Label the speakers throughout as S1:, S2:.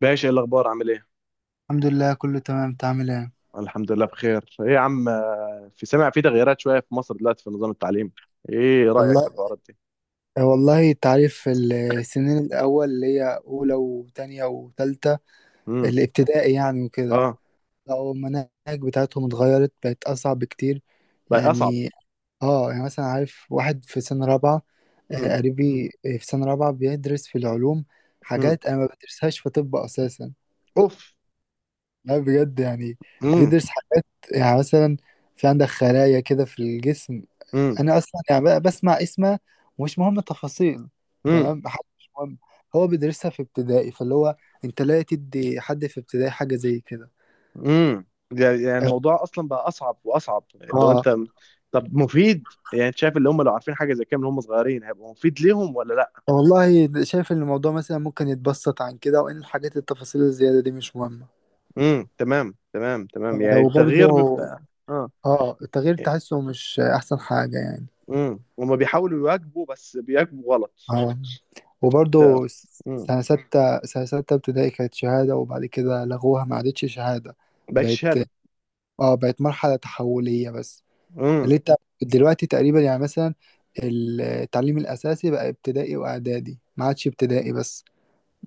S1: باشا، ايه الاخبار؟ عامل ايه؟
S2: الحمد لله، كله تمام. انت عامل ايه؟
S1: الحمد لله بخير. ايه يا عم؟ في سامع، في تغييرات شويه في مصر دلوقتي في نظام التعليم. ايه رايك في
S2: والله،
S1: الحوارات دي؟
S2: والله انت عارف السنين الاول اللي هي اولى وتانية وتالتة
S1: امم.
S2: الابتدائي يعني وكده.
S1: اه،
S2: لو المناهج بتاعتهم اتغيرت بقت اصعب بكتير
S1: بقى اصعب؟
S2: يعني. اه يعني مثلا عارف واحد في سنة رابعة،
S1: امم.
S2: قريبي في سنة رابعة بيدرس في العلوم.
S1: امم.
S2: حاجات انا ما بدرسهاش في طب اساسا.
S1: اوف.
S2: لا، بجد يعني.
S1: امم.
S2: بيدرس حاجات يعني مثلا، في عندك خلايا كده في الجسم.
S1: امم.
S2: انا اصلا يعني بقى بسمع اسمه ومش مهم التفاصيل.
S1: امم.
S2: تمام، حاجة مش مهم. هو بيدرسها في ابتدائي، فاللي هو انت لا تدي حد في ابتدائي حاجه زي كده.
S1: امم. يعني
S2: اه.
S1: الموضوع اصلا بقى اصعب واصعب لو
S2: آه.
S1: انت. طب مفيد؟ يعني انت شايف اللي هم لو عارفين حاجه زي كده من هم صغيرين هيبقى مفيد ليهم ولا لا؟
S2: والله شايف ان الموضوع مثلا ممكن يتبسط عن كده، وان الحاجات التفاصيل الزياده دي مش مهمه.
S1: امم. تمام تمام تمام،
S2: آه،
S1: يعني
S2: وبرضه
S1: التغيير بيبقى اه.
S2: اه التغيير تحسه مش احسن حاجه يعني.
S1: امم. هم بيحاولوا يواكبوا، بس بيواكبوا غلط.
S2: اه وبرضه
S1: تمام.
S2: سنه سته ابتدائي كانت شهاده، وبعد كده لغوها ما عادتش شهاده.
S1: بقت
S2: بقت
S1: شهاده؟
S2: اه بقت مرحله تحوليه بس.
S1: امم.
S2: اللي انت دلوقتي تقريبا يعني مثلا التعليم الأساسي بقى ابتدائي وإعدادي، ما عادش ابتدائي بس.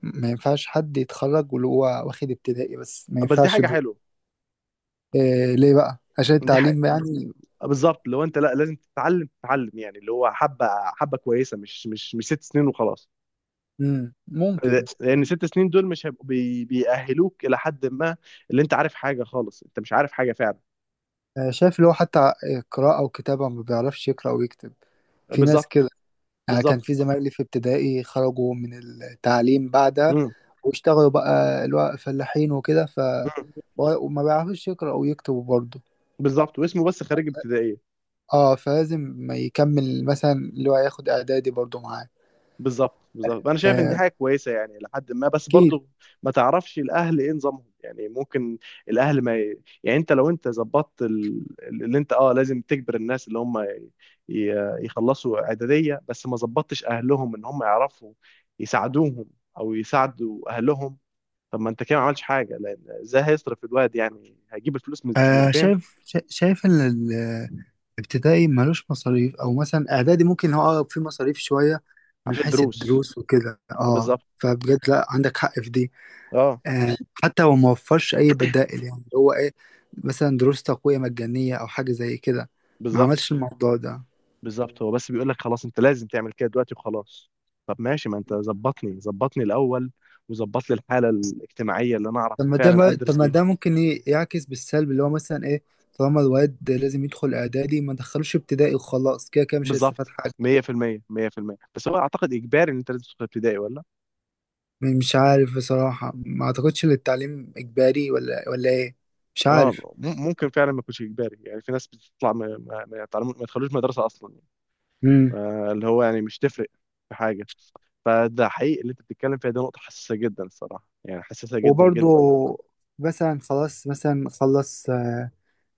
S2: ما ينفعش حد يتخرج واللي هو واخد ابتدائي بس، ما
S1: بس دي
S2: ينفعش
S1: حاجه
S2: ده.
S1: حلوه.
S2: إيه ليه بقى؟ عشان
S1: دي حاجه.
S2: التعليم يعني.
S1: آه، بالظبط، لو انت، لا، لازم تتعلم تتعلم، يعني اللي هو حبه حبه كويسه، مش ست سنين وخلاص.
S2: ممكن.
S1: لان ست سنين دول مش هيبقوا بيأهلوك الى حد ما. اللي انت عارف حاجه خالص، انت مش عارف حاجه فعلا.
S2: آه، شايف اللي هو حتى قراءة وكتابة ما بيعرفش يقرأ ويكتب. في ناس
S1: بالظبط.
S2: كده. يعني كان في
S1: بالظبط.
S2: زمايلي في ابتدائي خرجوا من التعليم بعدها،
S1: امم.
S2: واشتغلوا بقى اللي هو فلاحين وكده، وما بيعرفوش يقرأوا ويكتبوا برضه.
S1: بالظبط، واسمه بس خريج ابتدائيه.
S2: اه فلازم ما يكمل مثلا اللي هو ياخد اعدادي برضو معاه.
S1: بالظبط، بالظبط، انا شايف ان دي
S2: آه،
S1: حاجه كويسه يعني لحد ما، بس
S2: اكيد.
S1: برضو. ما تعرفش الاهل ايه نظامهم يعني، ممكن. الاهل ما ي... يعني انت لو انت ظبطت اللي انت، لازم تجبر الناس اللي هم يخلصوا اعداديه، بس ما ظبطتش اهلهم ان هم يعرفوا يساعدوهم، او يساعدوا اهلهم. طب ما انت كده ما عملتش حاجه، لان ازاي هيصرف الواد؟ يعني هيجيب الفلوس من
S2: آه
S1: فين؟
S2: شايف شا- شايف ان الابتدائي ملوش مصاريف، او مثلا اعدادي ممكن هو آه، في مصاريف شويه من
S1: عشان
S2: حيث
S1: دروس.
S2: الدروس وكده. اه
S1: بالظبط.
S2: فبجد لا، عندك حق في دي.
S1: اه.
S2: آه حتى هو ما وفرش اي بدائل، يعني اللي هو ايه، مثلا دروس تقويه مجانيه او حاجه زي كده. ما عملش
S1: بالظبط.
S2: الموضوع ده.
S1: بالظبط. هو بس بيقول لك خلاص انت لازم تعمل كده دلوقتي، وخلاص. طب ماشي، ما انت ظبطني ظبطني الاول، وظبط لي الحاله الاجتماعيه اللي انا اعرف فعلا
S2: طب
S1: ادرس
S2: ما
S1: بيها.
S2: ده ممكن يعكس بالسلب، اللي هو مثلا ايه، طالما الواد لازم يدخل اعدادي، ما دخلوش ابتدائي وخلاص، كده كده مش هيستفاد
S1: بالظبط،
S2: حاجه.
S1: 100% 100%. بس هو اعتقد اجباري ان انت لازم تدخل ابتدائي ولا؟
S2: مش عارف بصراحه، ما اعتقدش ان التعليم اجباري ولا ايه. مش عارف.
S1: اه، ممكن فعلا ما يكونش اجباري. يعني في ناس بتطلع ما يدخلوش مدرسه اصلا.
S2: امم
S1: آه، اللي هو يعني مش تفرق في حاجه. فده حقيقي اللي انت بتتكلم فيها، دي نقطه حساسه جدا الصراحه، يعني حساسه جدا
S2: وبرضه
S1: جدا.
S2: مثلا خلاص مثلا خلص، آه،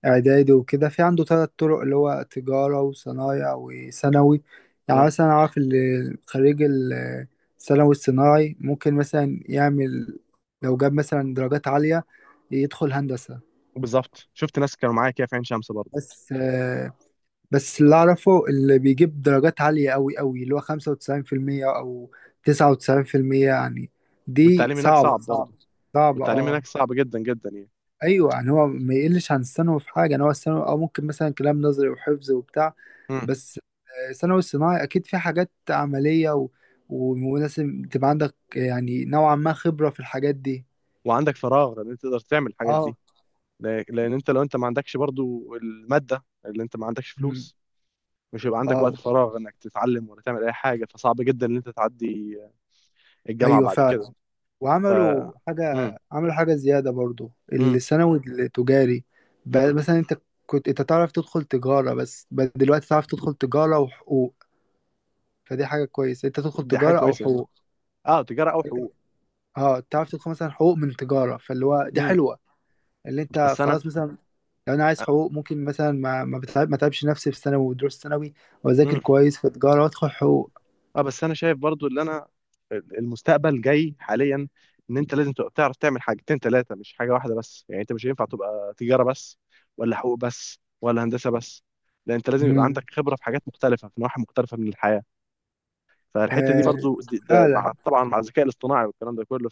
S2: اعدادي وكده، في عنده ثلاث طرق اللي هو تجارة وصنايع وثانوي. يعني
S1: اه.
S2: مثلا اعرف اللي خريج الثانوي الصناعي ممكن مثلا يعمل، لو جاب مثلا درجات عالية، يدخل هندسة.
S1: بالظبط، شفت ناس كانوا معايا كده في عين شمس برضه.
S2: بس آه، بس اللي اعرفه اللي بيجيب درجات عالية قوي قوي اللي هو 95% او 99% يعني. دي
S1: والتعليم هناك
S2: صعبة
S1: صعب
S2: صعبة
S1: برضه.
S2: صعبة.
S1: والتعليم
S2: اه
S1: هناك صعب جدا جدا يعني.
S2: ايوه يعني هو ما يقلش عن الثانوي في حاجه، يعني هو الثانوي او ممكن مثلا كلام نظري وحفظ وبتاع،
S1: مم.
S2: بس آه، الثانوي الصناعي اكيد في حاجات عمليه و... ولازم تبقى عندك يعني نوعا ما خبره في الحاجات دي.
S1: وعندك فراغ، لان انت تقدر تعمل الحاجات دي.
S2: اه.
S1: لان انت لو انت ما عندكش برضو الماده، اللي انت ما عندكش
S2: مم.
S1: فلوس، مش هيبقى عندك
S2: اه،
S1: وقت فراغ انك تتعلم ولا تعمل اي حاجه، فصعب جدا ان انت تعدي الجامعه
S2: ايوه
S1: بعد كده.
S2: فعلا.
S1: ف
S2: وعملوا
S1: مم.
S2: حاجه، عملوا حاجه زياده برضو
S1: مم.
S2: الثانوي التجاري. بقى
S1: مم.
S2: مثلا انت كنت انت تعرف تدخل تجاره بس، بقى دلوقتي تعرف تدخل تجاره وحقوق. فدي حاجه كويسه، انت تدخل
S1: دي حاجه
S2: تجاره او
S1: كويسه دي.
S2: حقوق.
S1: اه، تجاره او حقوق.
S2: اه تعرف تدخل مثلا حقوق من تجارة، فاللي هو دي
S1: مم.
S2: حلوة. اللي انت
S1: بس انا.
S2: خلاص مثلا لو انا عايز حقوق ممكن مثلا ما تعبش نفسي في ثانوي ودروس ثانوي، واذاكر
S1: مم.
S2: كويس في تجارة وادخل حقوق.
S1: اه، بس انا شايف برضو اللي انا، المستقبل جاي حاليا، ان انت لازم تبقى بتعرف تعمل حاجتين ثلاثه، مش حاجه واحده بس، يعني انت مش هينفع تبقى تجاره بس، ولا حقوق بس، ولا هندسه بس. لان انت لازم يبقى
S2: مم.
S1: عندك خبره في حاجات مختلفه، في نواحي مختلفه من الحياه. فالحته دي
S2: آه
S1: برضو، دي ده، مع
S2: فعلا.
S1: طبعا مع الذكاء الاصطناعي والكلام ده كله.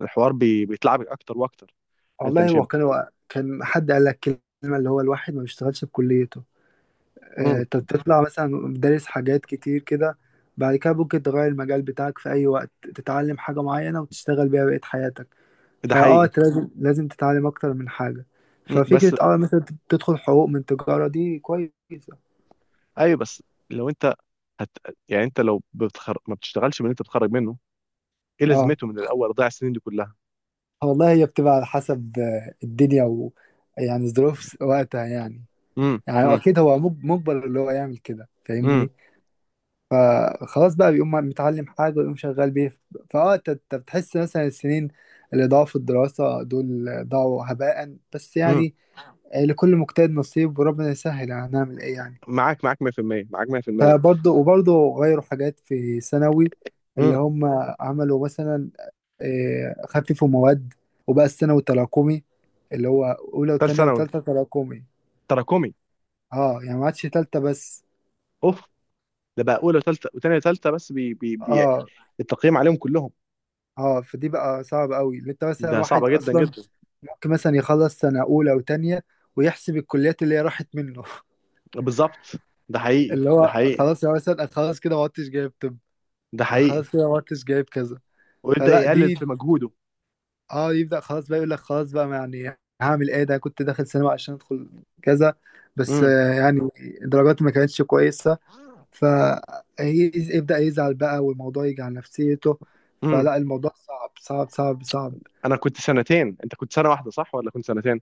S1: فالحوار بيتلعبك اكتر واكتر. انت
S2: والله،
S1: مش
S2: هو
S1: هيبقى.
S2: كان حد قال لك كلمة اللي هو الواحد ما بيشتغلش بكليته.
S1: مم.
S2: آه انت بتطلع مثلا دارس حاجات كتير كده، بعد كده ممكن تغير المجال بتاعك في اي وقت، تتعلم حاجة معينة وتشتغل بيها بقية حياتك.
S1: ده
S2: فاه
S1: حقيقي.
S2: انت لازم لازم تتعلم اكتر من حاجه.
S1: مم. بس.
S2: ففكره اه مثلا تدخل حقوق من تجاره دي كويسه.
S1: ايوه، بس، لو انت، هت... يعني انت ما بتشتغلش من اللي انت بتخرج منه، ايه
S2: اه
S1: لازمته من الاول؟ ضيع السنين دي كلها.
S2: والله هي بتبقى على حسب آه، الدنيا و يعني ظروف وقتها يعني.
S1: امم،
S2: يعني
S1: امم،
S2: اكيد هو مجبر اللي هو يعمل كده،
S1: امم،
S2: فاهمني. فخلاص بقى بيقوم متعلم حاجه ويقوم شغال بيه. فاه انت بتحس مثلا السنين اللي ضاعوا في الدراسه دول ضاعوا هباء بس
S1: امم.
S2: يعني. آه، لكل مجتهد نصيب وربنا يسهل، هنعمل ايه يعني.
S1: معاك، معاك 100%، معاك 100%.
S2: وبرضه غيروا حاجات في ثانوي،
S1: امم.
S2: اللي هم عملوا مثلا آه، خففوا مواد، وبقى الثانوي تراكمي اللي هو أولى
S1: ثالث
S2: وتانية
S1: ثانوي،
S2: وتالتة تراكمي.
S1: تراكمي.
S2: اه يعني ما عادش تالتة بس.
S1: اوف. ده بقى اولى وثالثه وثانيه وثالثه، بس بي بي بي
S2: اه
S1: التقييم عليهم كلهم.
S2: اه فدي بقى صعب قوي، اللي انت مثلا
S1: ده
S2: واحد
S1: صعبه جدا
S2: اصلا
S1: جدا.
S2: ممكن مثلا يخلص سنة أولى وتانية ويحسب الكليات اللي هي راحت منه
S1: بالظبط. ده حقيقي،
S2: اللي
S1: ده
S2: هو
S1: حقيقي.
S2: خلاص يا مثلا أنا خلاص كده ما عدتش جايب طب،
S1: ده
S2: أنا
S1: حقيقي.
S2: خلاص كده ما عدتش جايب كذا.
S1: ويبدا
S2: فلا
S1: يقلل
S2: دي
S1: في مجهوده.
S2: اه يبدأ خلاص بقى يقول لك خلاص بقى، ما يعني هعمل ايه، ده كنت داخل سينما عشان ادخل كذا، بس
S1: امم،
S2: آه، يعني درجاتي ما كانتش كويسة. فيبدأ يزعل بقى والموضوع يجي على نفسيته.
S1: امم.
S2: فلا الموضوع صعب صعب صعب صعب.
S1: انا كنت سنتين. انت كنت سنه واحده، صح؟ ولا كنت سنتين؟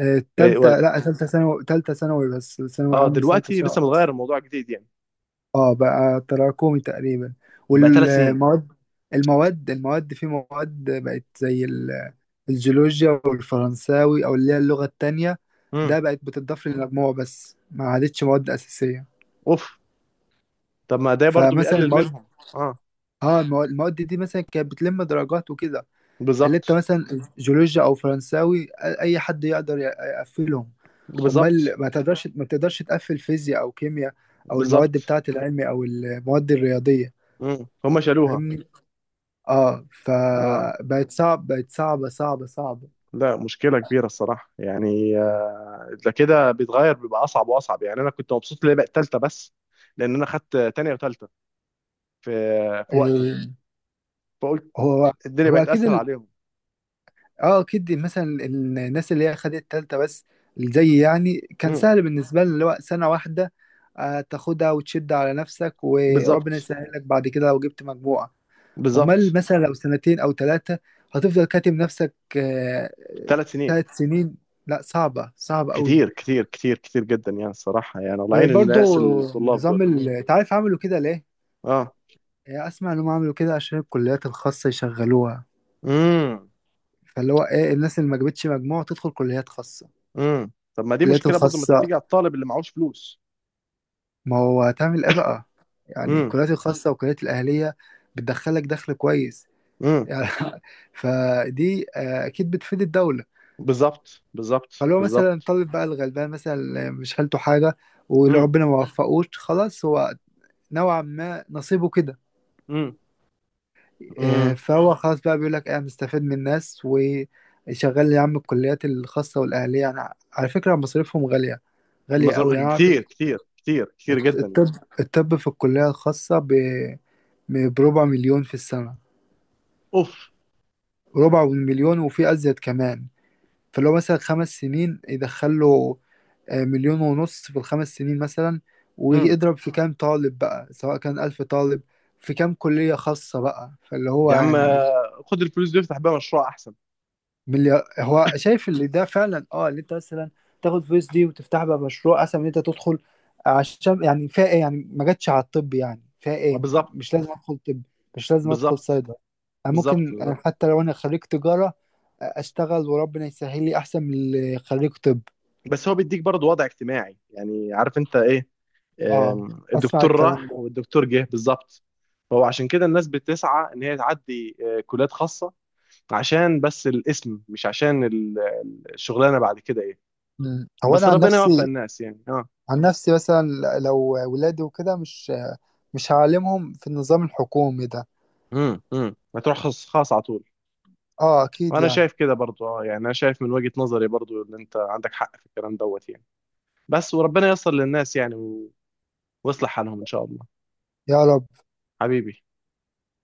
S2: آه،
S1: إيه؟
S2: تالتة لا تالتة ثانوي، تالتة ثانوي بس، ثانوي
S1: اه،
S2: عام بس، تالتة
S1: دلوقتي لسه
S2: ثانوي بس.
S1: متغير الموضوع، جديد يعني.
S2: اه بقى تراكمي تقريبا.
S1: بقى ثلاث سنين.
S2: والمواد المواد المواد في مواد بقت زي الجيولوجيا والفرنساوي او اللي هي اللغة التانية.
S1: امم.
S2: ده بقت بتضاف للمجموع بس ما عادتش مواد أساسية.
S1: اوف. طب ما ده برضو
S2: فمثلا
S1: بيقلل
S2: المواد،
S1: منهم. اه.
S2: اه المواد دي مثلا كانت بتلم درجات وكده. اللي انت
S1: بالظبط،
S2: مثلا جيولوجيا او فرنساوي، اي حد يقدر يقفلهم. امال
S1: بالظبط،
S2: ما تقدرش، تقفل فيزياء او كيمياء، او المواد
S1: بالظبط.
S2: بتاعة العلمي او المواد الرياضية،
S1: مم. هم شالوها.
S2: فاهمني. اه
S1: اه.
S2: فبقت صعب بقت صعبة صعبة صعبة.
S1: لا، مشكله كبيره الصراحه يعني، آه، ده كده بيتغير بيبقى اصعب واصعب. يعني انا كنت مبسوط اللي هي بقت ثالثه بس، لان انا خدت تانية وثالثه في في وقتي.
S2: إيه.
S1: فقلت،
S2: هو
S1: الدنيا
S2: هو
S1: بقت
S2: اكيد.
S1: اسهل عليهم.
S2: اه اكيد مثلا الناس اللي هي خدت تالتة بس، زي يعني كان
S1: مم.
S2: سهل بالنسبة لي، اللي هو سنة واحدة آه، تاخدها وتشد على نفسك، وربنا
S1: بالظبط.
S2: يسهل لك بعد كده لو جبت مجموعة. امال
S1: بالظبط.
S2: مثلا لو سنتين او ثلاثة، هتفضل كاتم نفسك.
S1: ثلاث سنين.
S2: 3 سنين. لا صعبة صعبة قوي.
S1: كتير كتير كتير كتير جدا يعني الصراحه، يعني الله يعين
S2: وبرضه
S1: الناس الطلاب
S2: نظام
S1: دول.
S2: انت عارف عملوا كده ليه؟
S1: اه.
S2: آه، اسمع انهم عملوا كده عشان الكليات الخاصة يشغلوها،
S1: امم،
S2: فاللي هو ايه الناس اللي ما جابتش مجموع تدخل كليات خاصة.
S1: امم. طب ما دي
S2: الكليات
S1: مشكله برضو، ما
S2: الخاصة،
S1: تبتدي على الطالب اللي معهوش فلوس.
S2: ما هو هتعمل ايه بقى، يعني
S1: امم.
S2: الكليات الخاصة والكليات الأهلية بتدخلك دخل كويس
S1: امم.
S2: يعني فدي آه، أكيد بتفيد الدولة.
S1: بالظبط، بالظبط،
S2: فلو مثلا
S1: بالظبط.
S2: الطالب بقى الغلبان مثلا اللي مش حالته حاجة، ولو ربنا ما وفقوش خلاص هو نوعا ما نصيبه كده.
S1: امم.
S2: آه،
S1: امم.
S2: فهو خلاص بقى بيقول لك إيه، أنا مستفيد من الناس وشغال يا عم. الكليات الخاصة والأهلية يعني على فكرة مصاريفهم غالية، غالية أوي يعني. أعرف
S1: كتير كتير كتير كتير جدا يعني.
S2: الطب، الطب في الكلية الخاصة بربع مليون في السنة.
S1: اوف.
S2: ربع مليون، وفي أزيد كمان. فلو مثلا 5 سنين يدخله آه، مليون ونص في الخمس سنين مثلا.
S1: امم.
S2: ويضرب في كام طالب بقى، سواء كان 1000 طالب في كام كلية خاصة بقى، فاللي هو
S1: يا عم،
S2: يعني
S1: آه، خد الفلوس دي افتح بيها مشروع احسن.
S2: مليار. هو شايف اللي ده فعلا. اه اللي انت مثلا تاخد فلوس دي وتفتح بقى مشروع احسن من انت تدخل. عشان يعني فيها ايه يعني، ما جاتش على الطب، يعني فيها
S1: آه،
S2: ايه،
S1: بالظبط،
S2: مش لازم ادخل طب، مش لازم ادخل
S1: بالظبط،
S2: صيدله. انا
S1: بالظبط،
S2: ممكن آه،
S1: بالظبط.
S2: حتى لو انا خريج تجاره آه، اشتغل وربنا يسهل لي، احسن من اللي خريج طب.
S1: بس هو بيديك برضه وضع اجتماعي، يعني عارف انت ايه.
S2: اه
S1: آم،
S2: اسمع
S1: الدكتور
S2: الكلام
S1: راح
S2: ده.
S1: والدكتور جه بالظبط. فهو عشان كده الناس بتسعى ان هي تعدي، آه، كليات خاصة، عشان بس الاسم، مش عشان الشغلانة بعد كده ايه.
S2: مم. هو
S1: بس
S2: انا
S1: ربنا يوفق الناس يعني، اه.
S2: عن نفسي مثلا لو ولادي وكده، مش هعلمهم في النظام الحكومي ده.
S1: امم، امم، هتروح خاص خاص على طول.
S2: اه اكيد
S1: وانا
S2: يعني.
S1: شايف كده برضو، يعني انا شايف من وجهة نظري برضو ان انت عندك حق في الكلام دوت يعني. بس وربنا ييسر للناس يعني ويصلح حالهم ان شاء الله.
S2: يا رب.
S1: حبيبي.